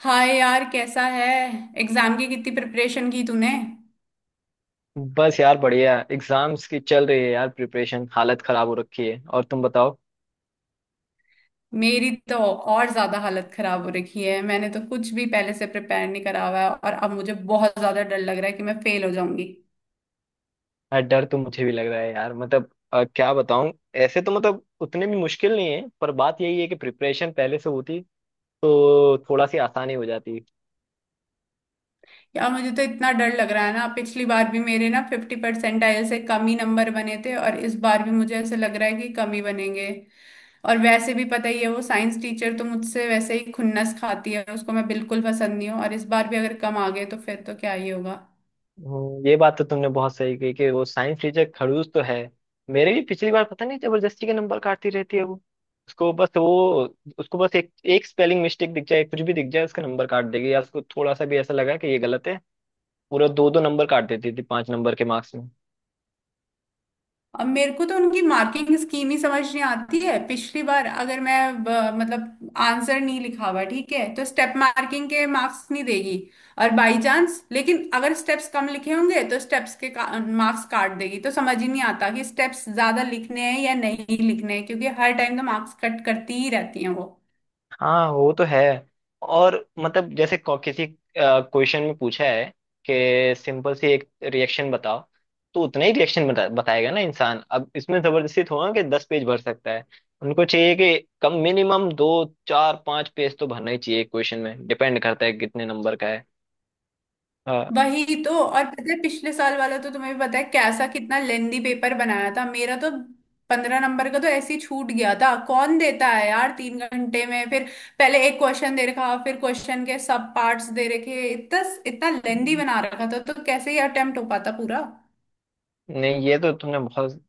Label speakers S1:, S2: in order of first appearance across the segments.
S1: हाय यार, कैसा है? एग्जाम की कितनी प्रिपरेशन की तूने?
S2: बस यार बढ़िया एग्जाम्स की चल रही है यार प्रिपरेशन। हालत खराब हो रखी है। और तुम बताओ।
S1: मेरी तो और ज्यादा हालत खराब हो रखी है। मैंने तो कुछ भी पहले से प्रिपेयर नहीं करा हुआ है और अब मुझे बहुत ज्यादा डर लग रहा है कि मैं फेल हो जाऊंगी।
S2: यार डर तो मुझे भी लग रहा है यार। मतलब क्या बताऊं। ऐसे तो मतलब उतने भी मुश्किल नहीं है, पर बात यही है कि प्रिपरेशन पहले से होती तो थोड़ा सी आसानी हो जाती।
S1: यार मुझे तो इतना डर लग रहा है ना, पिछली बार भी मेरे ना 50 परसेंटाइल से कम ही नंबर बने थे और इस बार भी मुझे ऐसे लग रहा है कि कम ही बनेंगे। और वैसे भी पता ही है, वो साइंस टीचर तो मुझसे वैसे ही खुन्नस खाती है, उसको मैं बिल्कुल पसंद नहीं हूँ और इस बार भी अगर कम आ गए तो फिर तो क्या ही होगा।
S2: ये बात तो तुमने बहुत सही कही कि वो साइंस टीचर खड़ूस तो है। मेरे भी पिछली बार पता नहीं जबरदस्ती के नंबर काटती रहती है वो। उसको बस एक एक स्पेलिंग मिस्टेक दिख जाए, कुछ भी दिख जाए, उसका नंबर काट देगी। या उसको थोड़ा सा भी ऐसा लगा कि ये गलत है, पूरे दो दो नंबर काट देती थी पांच नंबर के मार्क्स में।
S1: अब मेरे को तो उनकी मार्किंग स्कीम ही समझ नहीं आती है। पिछली बार अगर मैं मतलब आंसर नहीं लिखा हुआ ठीक है तो स्टेप मार्किंग के मार्क्स नहीं देगी और बाय चांस लेकिन अगर स्टेप्स कम लिखे होंगे तो स्टेप्स मार्क्स काट देगी, तो समझ ही नहीं आता कि स्टेप्स ज्यादा लिखने हैं या नहीं लिखने हैं, क्योंकि हर टाइम तो मार्क्स कट करती ही रहती हैं वो।
S2: हाँ वो तो है। और मतलब जैसे किसी क्वेश्चन में पूछा है कि सिंपल सी एक रिएक्शन बताओ, तो उतना ही रिएक्शन बताएगा ना इंसान। अब इसमें जबरदस्ती थोड़ा ना कि 10 पेज भर सकता है। उनको चाहिए कि कम मिनिमम दो चार पांच पेज तो भरना ही चाहिए। क्वेश्चन में डिपेंड करता है कितने नंबर का है।
S1: वही तो। और पता है पिछले साल वाला तो तुम्हें भी पता है कैसा कितना लेंदी पेपर बनाया था मेरा तो। 15 नंबर का तो ऐसे ही छूट गया था। कौन देता है यार 3 घंटे में फिर, पहले एक क्वेश्चन दे रखा, फिर क्वेश्चन के सब पार्ट्स दे रखे, इतना इतना लेंदी
S2: हाँ।
S1: बना रखा था तो कैसे ही अटेम्प्ट हो पाता पूरा।
S2: नहीं, ये तो तुमने बहुत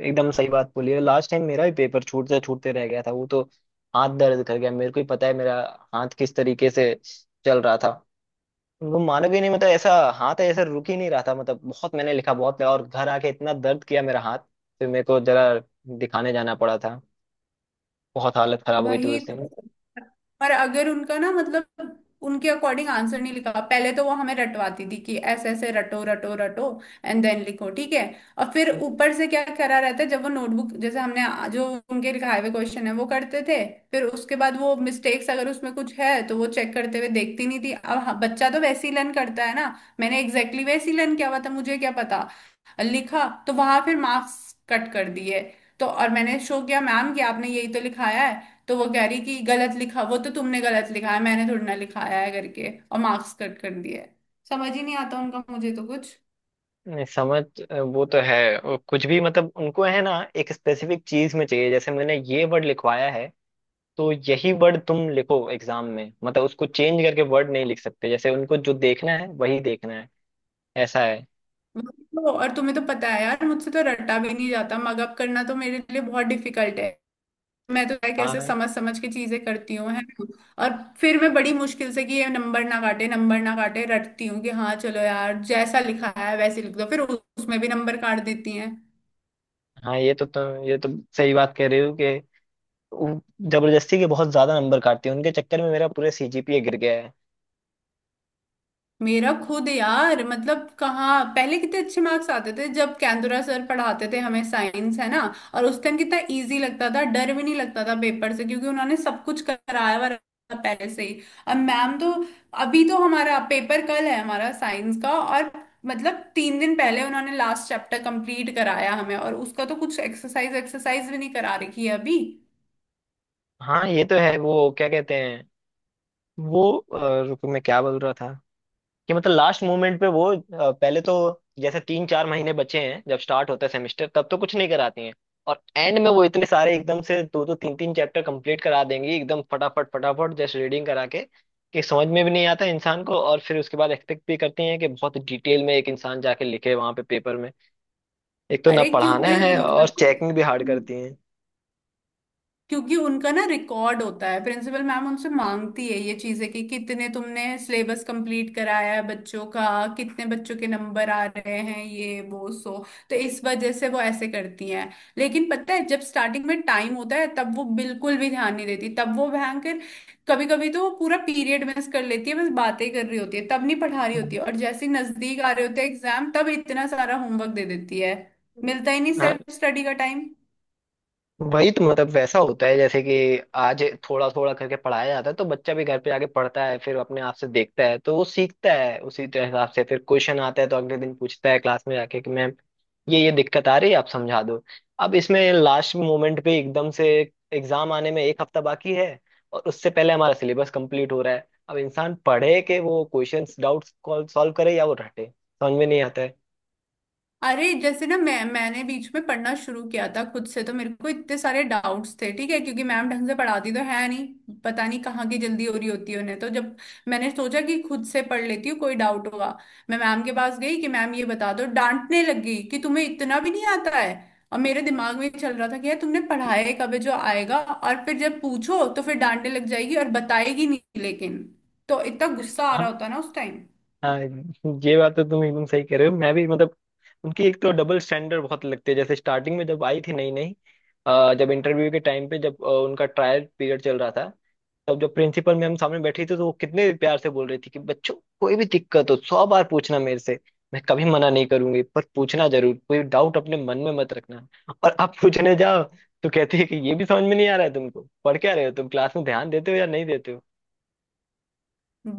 S2: एकदम सही बात बोली है। लास्ट टाइम मेरा भी पेपर छूटते छूटते रह गया था वो तो। हाथ दर्द कर गया, मेरे को ही पता है मेरा हाथ किस तरीके से चल रहा था। वो मानोगे नहीं, मतलब ऐसा हाथ ऐसा रुक ही नहीं रहा था, मतलब बहुत मैंने लिखा बहुत लिखा, और घर आके इतना दर्द किया मेरा हाथ। फिर मेरे को जरा दिखाने जाना पड़ा था। बहुत हालत खराब हो गई थी
S1: वही
S2: उस दिन।
S1: तो। पर अगर उनका ना, मतलब उनके अकॉर्डिंग आंसर नहीं लिखा, पहले तो वो हमें रटवाती थी कि ऐसे ऐसे रटो रटो रटो एंड देन लिखो, ठीक है? और फिर ऊपर से क्या करा रहता है, जब वो नोटबुक जैसे हमने जो उनके लिखाए हुए क्वेश्चन है वो करते थे, फिर उसके बाद वो मिस्टेक्स अगर उसमें कुछ है तो वो चेक करते हुए देखती नहीं थी। अब हाँ, बच्चा तो वैसे ही लर्न करता है ना। मैंने एग्जैक्टली वैसे ही लर्न किया हुआ था, मुझे क्या पता, लिखा तो वहां, फिर मार्क्स कट कर दिए। तो और मैंने शो किया मैम कि आपने यही तो लिखाया है, तो वो कह रही कि गलत लिखा, वो तो तुमने गलत लिखा है, मैंने थोड़ी ना लिखाया है करके और मार्क्स कट कर दिए है। समझ ही नहीं आता उनका मुझे तो कुछ।
S2: नहीं समझ वो तो है। और कुछ भी मतलब उनको है ना एक स्पेसिफिक चीज में चाहिए, जैसे मैंने ये वर्ड लिखवाया है तो यही वर्ड तुम लिखो एग्जाम में। मतलब उसको चेंज करके वर्ड नहीं लिख सकते, जैसे उनको जो देखना है वही देखना है। ऐसा है।
S1: वही तो, और तुम्हें तो पता है यार, मुझसे तो रटा भी नहीं जाता, मग अप करना तो मेरे लिए बहुत डिफिकल्ट है। मैं तो यार कैसे
S2: हाँ
S1: समझ समझ के चीजें करती हूँ, है ना? और फिर मैं बड़ी मुश्किल से कि ये नंबर ना काटे रटती हूँ कि हाँ चलो यार जैसा लिखा है वैसे लिख दो, फिर उसमें भी नंबर काट देती हैं।
S2: हाँ ये तो सही बात कह रहे हो कि वो जबरदस्ती के बहुत ज्यादा नंबर काटते हैं। उनके चक्कर में मेरा पूरा सीजीपीए गिर गया है।
S1: मेरा खुद यार मतलब कहाँ पहले कितने अच्छे मार्क्स आते थे जब कैंदुरा सर पढ़ाते थे हमें साइंस, है ना? और उस टाइम कितना इजी लगता था, डर भी नहीं लगता था पेपर से, क्योंकि उन्होंने सब कुछ कराया हुआ रहता था पहले से ही। अब मैम तो अभी तो हमारा पेपर कल है हमारा साइंस का, और मतलब 3 दिन पहले उन्होंने लास्ट चैप्टर कंप्लीट कराया हमें और उसका तो कुछ एक्सरसाइज एक्सरसाइज भी नहीं करा रखी है अभी।
S2: हाँ ये तो है। वो क्या कहते हैं, वो रुको मैं क्या बोल रहा था। कि मतलब लास्ट मोमेंट पे वो पहले तो जैसे तीन चार महीने बचे हैं जब स्टार्ट होता है सेमेस्टर, तब तो कुछ नहीं कराती हैं। और एंड में वो इतने सारे एकदम से दो दो तीन तीन चैप्टर कंप्लीट करा देंगी एकदम फटाफट फटाफट जस्ट रीडिंग करा के, कि समझ में भी नहीं आता इंसान को। और फिर उसके बाद एक्सपेक्ट भी करती हैं कि बहुत डिटेल में एक इंसान जाके लिखे वहां पे पेपर में। एक तो ना
S1: अरे
S2: पढ़ाना
S1: क्योंकि
S2: है
S1: उनका
S2: और चेकिंग भी हार्ड करती हैं।
S1: क्योंकि उनका ना रिकॉर्ड होता है, प्रिंसिपल मैम उनसे मांगती है ये चीजें कि कितने तुमने सिलेबस कंप्लीट कराया है बच्चों का, कितने बच्चों के नंबर आ रहे हैं, ये वो, सो तो इस वजह से वो ऐसे करती हैं। लेकिन पता है जब स्टार्टिंग में टाइम होता है तब वो बिल्कुल भी ध्यान नहीं देती, तब वो भयंकर कभी कभी तो वो पूरा पीरियड मिस कर लेती है, बस बातें कर रही होती है तब नहीं पढ़ा रही होती
S2: हम्म।
S1: है, और जैसे ही नजदीक आ रहे होते हैं एग्जाम तब इतना सारा होमवर्क दे देती है। मिलता ही नहीं
S2: हाँ
S1: सेल्फ स्टडी का टाइम।
S2: वही तो, मतलब वैसा होता है जैसे कि आज थोड़ा थोड़ा करके पढ़ाया जाता है तो बच्चा भी घर पे आके पढ़ता है, फिर अपने आप से देखता है तो वो सीखता है उसी तरह हिसाब से। फिर क्वेश्चन आता है तो अगले दिन पूछता है क्लास में जाके कि मैम ये दिक्कत आ रही है, आप समझा दो। अब इसमें लास्ट मोमेंट पे एकदम से एग्जाम आने में एक हफ्ता बाकी है और उससे पहले हमारा सिलेबस कंप्लीट हो रहा है। अब इंसान पढ़े के वो क्वेश्चंस डाउट्स सॉल्व करे या वो रटे, समझ में नहीं आता
S1: अरे जैसे ना मैंने बीच में पढ़ना शुरू किया था खुद से, तो मेरे को इतने सारे डाउट्स थे, ठीक है, क्योंकि मैम ढंग से पढ़ाती तो है नहीं, पता नहीं कहाँ की जल्दी हो रही होती है उन्हें। तो जब मैंने सोचा कि खुद से पढ़ लेती हूँ, कोई डाउट हुआ, मैं मैम के पास गई कि मैम ये बता दो, डांटने लग गई कि तुम्हें इतना भी नहीं आता है। और मेरे दिमाग में चल रहा था कि यार तुमने पढ़ाया कब है जो आएगा, और फिर जब पूछो तो फिर डांटने लग जाएगी और बताएगी नहीं, लेकिन तो इतना गुस्सा आ
S2: है।
S1: रहा होता ना उस टाइम।
S2: हाँ ये बात तो तुम एकदम सही कह रहे हो। मैं भी मतलब उनकी एक तो डबल स्टैंडर्ड बहुत लगती है। जैसे स्टार्टिंग में जब आई थी नई नई जब इंटरव्यू के टाइम पे जब उनका ट्रायल पीरियड चल रहा था, तब जब प्रिंसिपल मैम सामने बैठी थी, तो वो कितने प्यार से बोल रही थी कि बच्चों कोई भी दिक्कत हो 100 बार पूछना मेरे से, मैं कभी मना नहीं करूंगी, पर पूछना जरूर, कोई डाउट अपने मन में मत रखना। और आप पूछने जाओ तो कहती है कि ये भी समझ में नहीं आ रहा है तुमको, पढ़ क्या रहे हो तुम, क्लास में ध्यान देते हो या नहीं देते हो।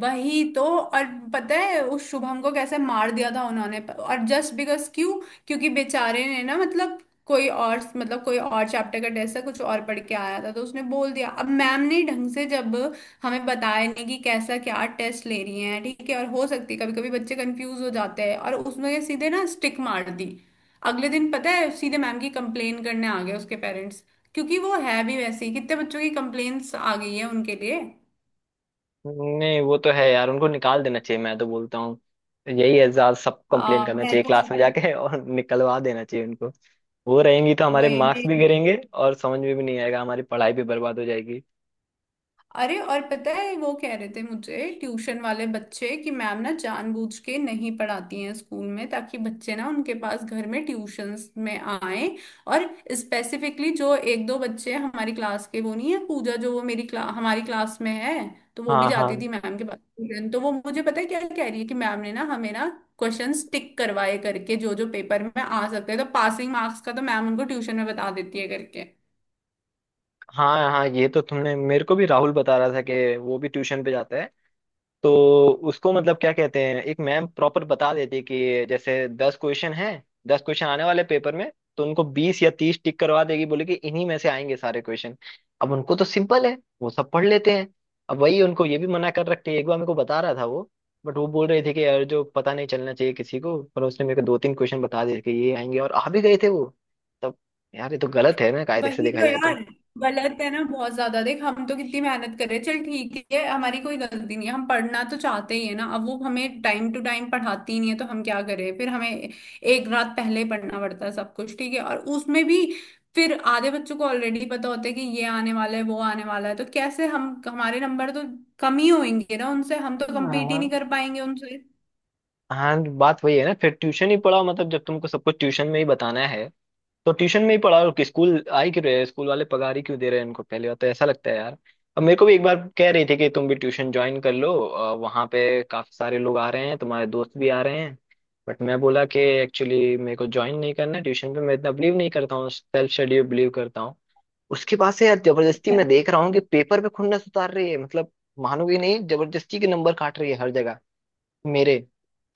S1: वही तो। और पता है उस शुभम को कैसे मार दिया था उन्होंने, और जस्ट बिकॉज क्यों? क्योंकि बेचारे ने ना मतलब कोई और चैप्टर का टेस्ट था, कुछ और पढ़ के आया था, तो उसने बोल दिया। अब मैम ने ढंग से जब हमें बताया नहीं कि कैसा क्या टेस्ट ले रही हैं, ठीक है, और हो सकती है कभी कभी बच्चे कंफ्यूज हो जाते हैं, और उसमें सीधे ना स्टिक मार दी। अगले दिन पता है सीधे मैम की कंप्लेन करने आ गए उसके पेरेंट्स, क्योंकि वो है भी वैसे ही, कितने बच्चों की कंप्लेन्स आ गई है उनके लिए।
S2: नहीं वो तो है यार, उनको निकाल देना चाहिए, मैं तो बोलता हूँ। यही है, ज्यादा सब कंप्लेन करना
S1: मैं
S2: चाहिए
S1: तो
S2: क्लास में जाके और निकलवा देना चाहिए उनको। वो रहेंगी तो हमारे
S1: वही में।
S2: मार्क्स भी गिरेंगे और समझ में भी नहीं आएगा, हमारी पढ़ाई भी बर्बाद हो जाएगी।
S1: अरे और पता है वो कह रहे थे मुझे ट्यूशन वाले बच्चे कि मैम ना जानबूझ के नहीं पढ़ाती हैं स्कूल में ताकि बच्चे ना उनके पास घर में ट्यूशंस में आए। और स्पेसिफिकली जो एक दो बच्चे हमारी क्लास के, वो नहीं है पूजा जो, वो हमारी क्लास में है, तो वो भी
S2: हाँ
S1: जाती
S2: हाँ।
S1: थी मैम के पास ट्यूशन, तो वो मुझे पता है क्या कह रही है कि मैम ने ना हमें ना क्वेश्चन टिक करवाए करके जो जो पेपर में आ सकते हैं, तो पासिंग मार्क्स का तो मैम उनको ट्यूशन में बता देती है करके।
S2: हाँ हाँ, ये तो तुमने मेरे को भी, राहुल बता रहा था कि वो भी ट्यूशन पे जाता है तो उसको मतलब क्या कहते हैं, एक मैम प्रॉपर बता देती है कि जैसे 10 क्वेश्चन हैं, 10 क्वेश्चन आने वाले पेपर में, तो उनको 20 या 30 टिक करवा देगी बोले कि इन्हीं में से आएंगे सारे क्वेश्चन। अब उनको तो सिंपल है, वो सब पढ़ लेते हैं। अब वही उनको ये भी मना कर रखती है, एक बार मेरे को बता रहा था वो। बट वो बोल रहे थे कि यार जो पता नहीं चलना चाहिए किसी को, पर उसने मेरे को दो तीन क्वेश्चन बता दिए कि ये आएंगे, और आ भी गए थे वो तब। यार ये तो गलत है ना कायदे से
S1: वही
S2: देखा
S1: तो
S2: जाए तो।
S1: यार। गलत है ना बहुत ज्यादा। देख, हम तो कितनी मेहनत कर रहे हैं, चल ठीक है हमारी कोई गलती नहीं है, हम पढ़ना तो चाहते ही है ना, अब वो हमें टाइम टू टाइम पढ़ाती ही नहीं है तो हम क्या करें, फिर हमें एक रात पहले ही पढ़ना पड़ता है सब कुछ, ठीक है, और उसमें भी फिर आधे बच्चों को ऑलरेडी पता होता है कि ये आने वाला है वो आने वाला है, तो कैसे, हम हमारे नंबर तो कम ही होंगे ना उनसे, हम तो कम्पीट ही
S2: हाँ
S1: नहीं कर पाएंगे उनसे।
S2: हाँ, बात वही है ना, फिर ट्यूशन ही पढ़ाओ, मतलब जब तुमको सब कुछ ट्यूशन में ही बताना है तो ट्यूशन में ही पढ़ा, और स्कूल आई क्यों रहे हैं? स्कूल वाले पगार ही क्यों दे रहे हैं उनको, पहली बात तो ऐसा लगता है यार। अब मेरे को भी एक बार कह रही थी कि तुम भी ट्यूशन ज्वाइन कर लो, वहाँ पे काफी सारे लोग आ रहे हैं, तुम्हारे दोस्त भी आ रहे हैं। बट मैं बोला कि एक्चुअली मेरे को ज्वाइन नहीं करना है ट्यूशन पे, मैं इतना बिलीव नहीं करता हूँ, सेल्फ स्टडी बिलीव करता हूँ। उसके पास से यार, जबरदस्ती मैं देख रहा हूँ कि पेपर पे खुन्नस उतार रही है, मतलब मानोगे नहीं, जबरदस्ती के नंबर काट रही है हर जगह मेरे।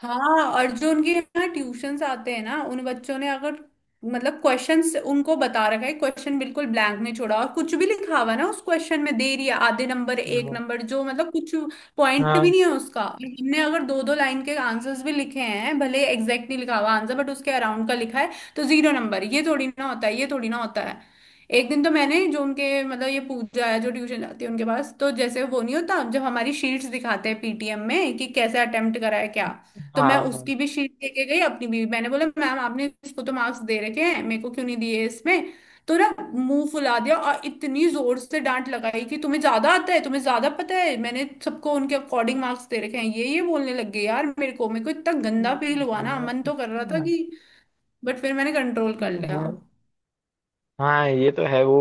S1: हाँ, और जो उनके यहाँ ट्यूशंस आते हैं ना उन बच्चों ने अगर मतलब क्वेश्चंस उनको बता रखा है, क्वेश्चन बिल्कुल ब्लैंक नहीं छोड़ा और कुछ भी लिखा हुआ है ना उस क्वेश्चन में, दे रही है आधे नंबर, एक नंबर, जो मतलब कुछ
S2: हाँ
S1: पॉइंट भी
S2: हाँ
S1: नहीं है उसका। हमने अगर दो दो लाइन के आंसर्स भी लिखे हैं भले एग्जैक्ट नहीं लिखा हुआ आंसर बट उसके अराउंड का लिखा है तो जीरो नंबर, ये थोड़ी ना होता है, ये थोड़ी ना होता है। एक दिन तो मैंने जो उनके मतलब ये पूजा है जो ट्यूशन जाती है उनके पास, तो जैसे वो नहीं होता जब हमारी शीट्स दिखाते हैं पीटीएम में कि कैसे अटेम्प्ट करा है क्या, तो
S2: हाँ
S1: मैं
S2: हाँ।
S1: उसकी भी शीट लेके गई अपनी भी, मैंने बोला मैम आपने इसको तो मार्क्स दे रखे हैं मेरे को क्यों नहीं दिए इसमें, तो ना मुंह फुला दिया और इतनी जोर से डांट लगाई कि तुम्हें ज्यादा आता है तुम्हें ज्यादा पता है, मैंने सबको उनके अकॉर्डिंग मार्क्स दे रखे हैं ये बोलने लग गई। यार मेरे को इतना गंदा फील हुआ ना, मन तो कर रहा था कि, बट फिर मैंने कंट्रोल कर
S2: हाँ,
S1: लिया।
S2: हाँ, हाँ ये तो है। वो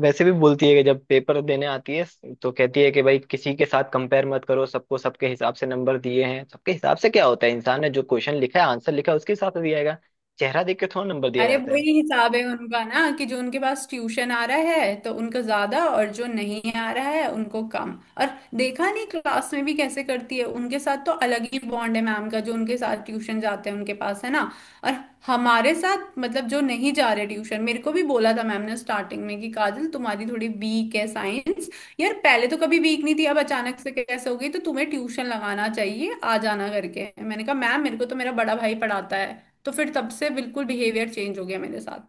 S2: वैसे भी बोलती है कि जब पेपर देने आती है तो कहती है कि भाई किसी के साथ कंपेयर मत करो, सबको सबके हिसाब से नंबर दिए हैं। सबके हिसाब से क्या होता है, इंसान ने जो क्वेश्चन लिखा है आंसर लिखा है उसके हिसाब से दिया जाएगा, चेहरा देख के थोड़ा नंबर दिया
S1: अरे
S2: जाता है।
S1: वही हिसाब है उनका ना कि जो उनके पास ट्यूशन आ रहा है तो उनको ज्यादा और जो नहीं आ रहा है उनको कम। और देखा नहीं क्लास में भी कैसे करती है, उनके साथ तो अलग ही बॉन्ड है मैम का जो उनके साथ ट्यूशन जाते हैं उनके पास, है ना? और हमारे साथ मतलब जो नहीं जा रहे ट्यूशन। मेरे को भी बोला था मैम ने स्टार्टिंग में कि काजल तुम्हारी थोड़ी वीक है साइंस, यार पहले तो कभी वीक नहीं थी अब अचानक से कैसे हो गई, तो तुम्हें ट्यूशन लगाना चाहिए आ जाना करके। मैंने कहा मैम मेरे को तो मेरा बड़ा भाई पढ़ाता है, तो फिर तब से बिल्कुल बिहेवियर चेंज हो गया मेरे साथ।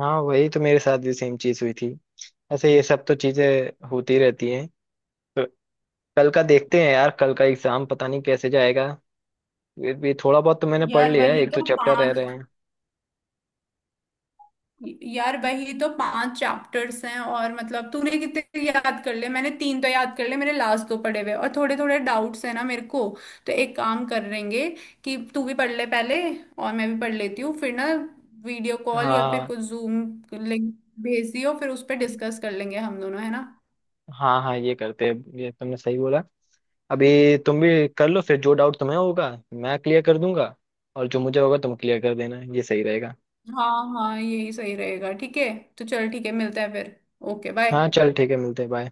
S2: हाँ वही तो, मेरे साथ भी सेम चीज हुई थी। ऐसे ये सब तो चीजें होती रहती हैं। कल का देखते हैं यार, कल का एग्जाम पता नहीं कैसे जाएगा। ये भी थोड़ा बहुत तो मैंने पढ़
S1: यार
S2: लिया है,
S1: वही
S2: एक दो
S1: तो
S2: चैप्टर रह
S1: पांच
S2: रहे हैं।
S1: यार वही तो पांच चैप्टर्स हैं और मतलब तूने कितने याद कर ले, मैंने तीन तो याद कर ले मेरे, लास्ट दो पढ़े हुए और थोड़े थोड़े डाउट्स हैं ना मेरे को। तो एक काम करेंगे कि तू भी पढ़ ले पहले और मैं भी पढ़ लेती हूँ, फिर ना वीडियो कॉल या फिर
S2: हाँ
S1: कुछ जूम लिंक भेज दियो, फिर उस पर डिस्कस कर लेंगे हम दोनों, है ना?
S2: हाँ हाँ, ये करते हैं, ये तुमने सही बोला। अभी तुम भी कर लो फिर जो डाउट तुम्हें होगा मैं क्लियर कर दूंगा, और जो मुझे होगा तुम क्लियर कर देना, ये सही रहेगा।
S1: हाँ हाँ यही सही रहेगा, ठीक है। तो चल ठीक है, मिलते हैं फिर। ओके
S2: हाँ
S1: बाय।
S2: चल ठीक है मिलते हैं बाय।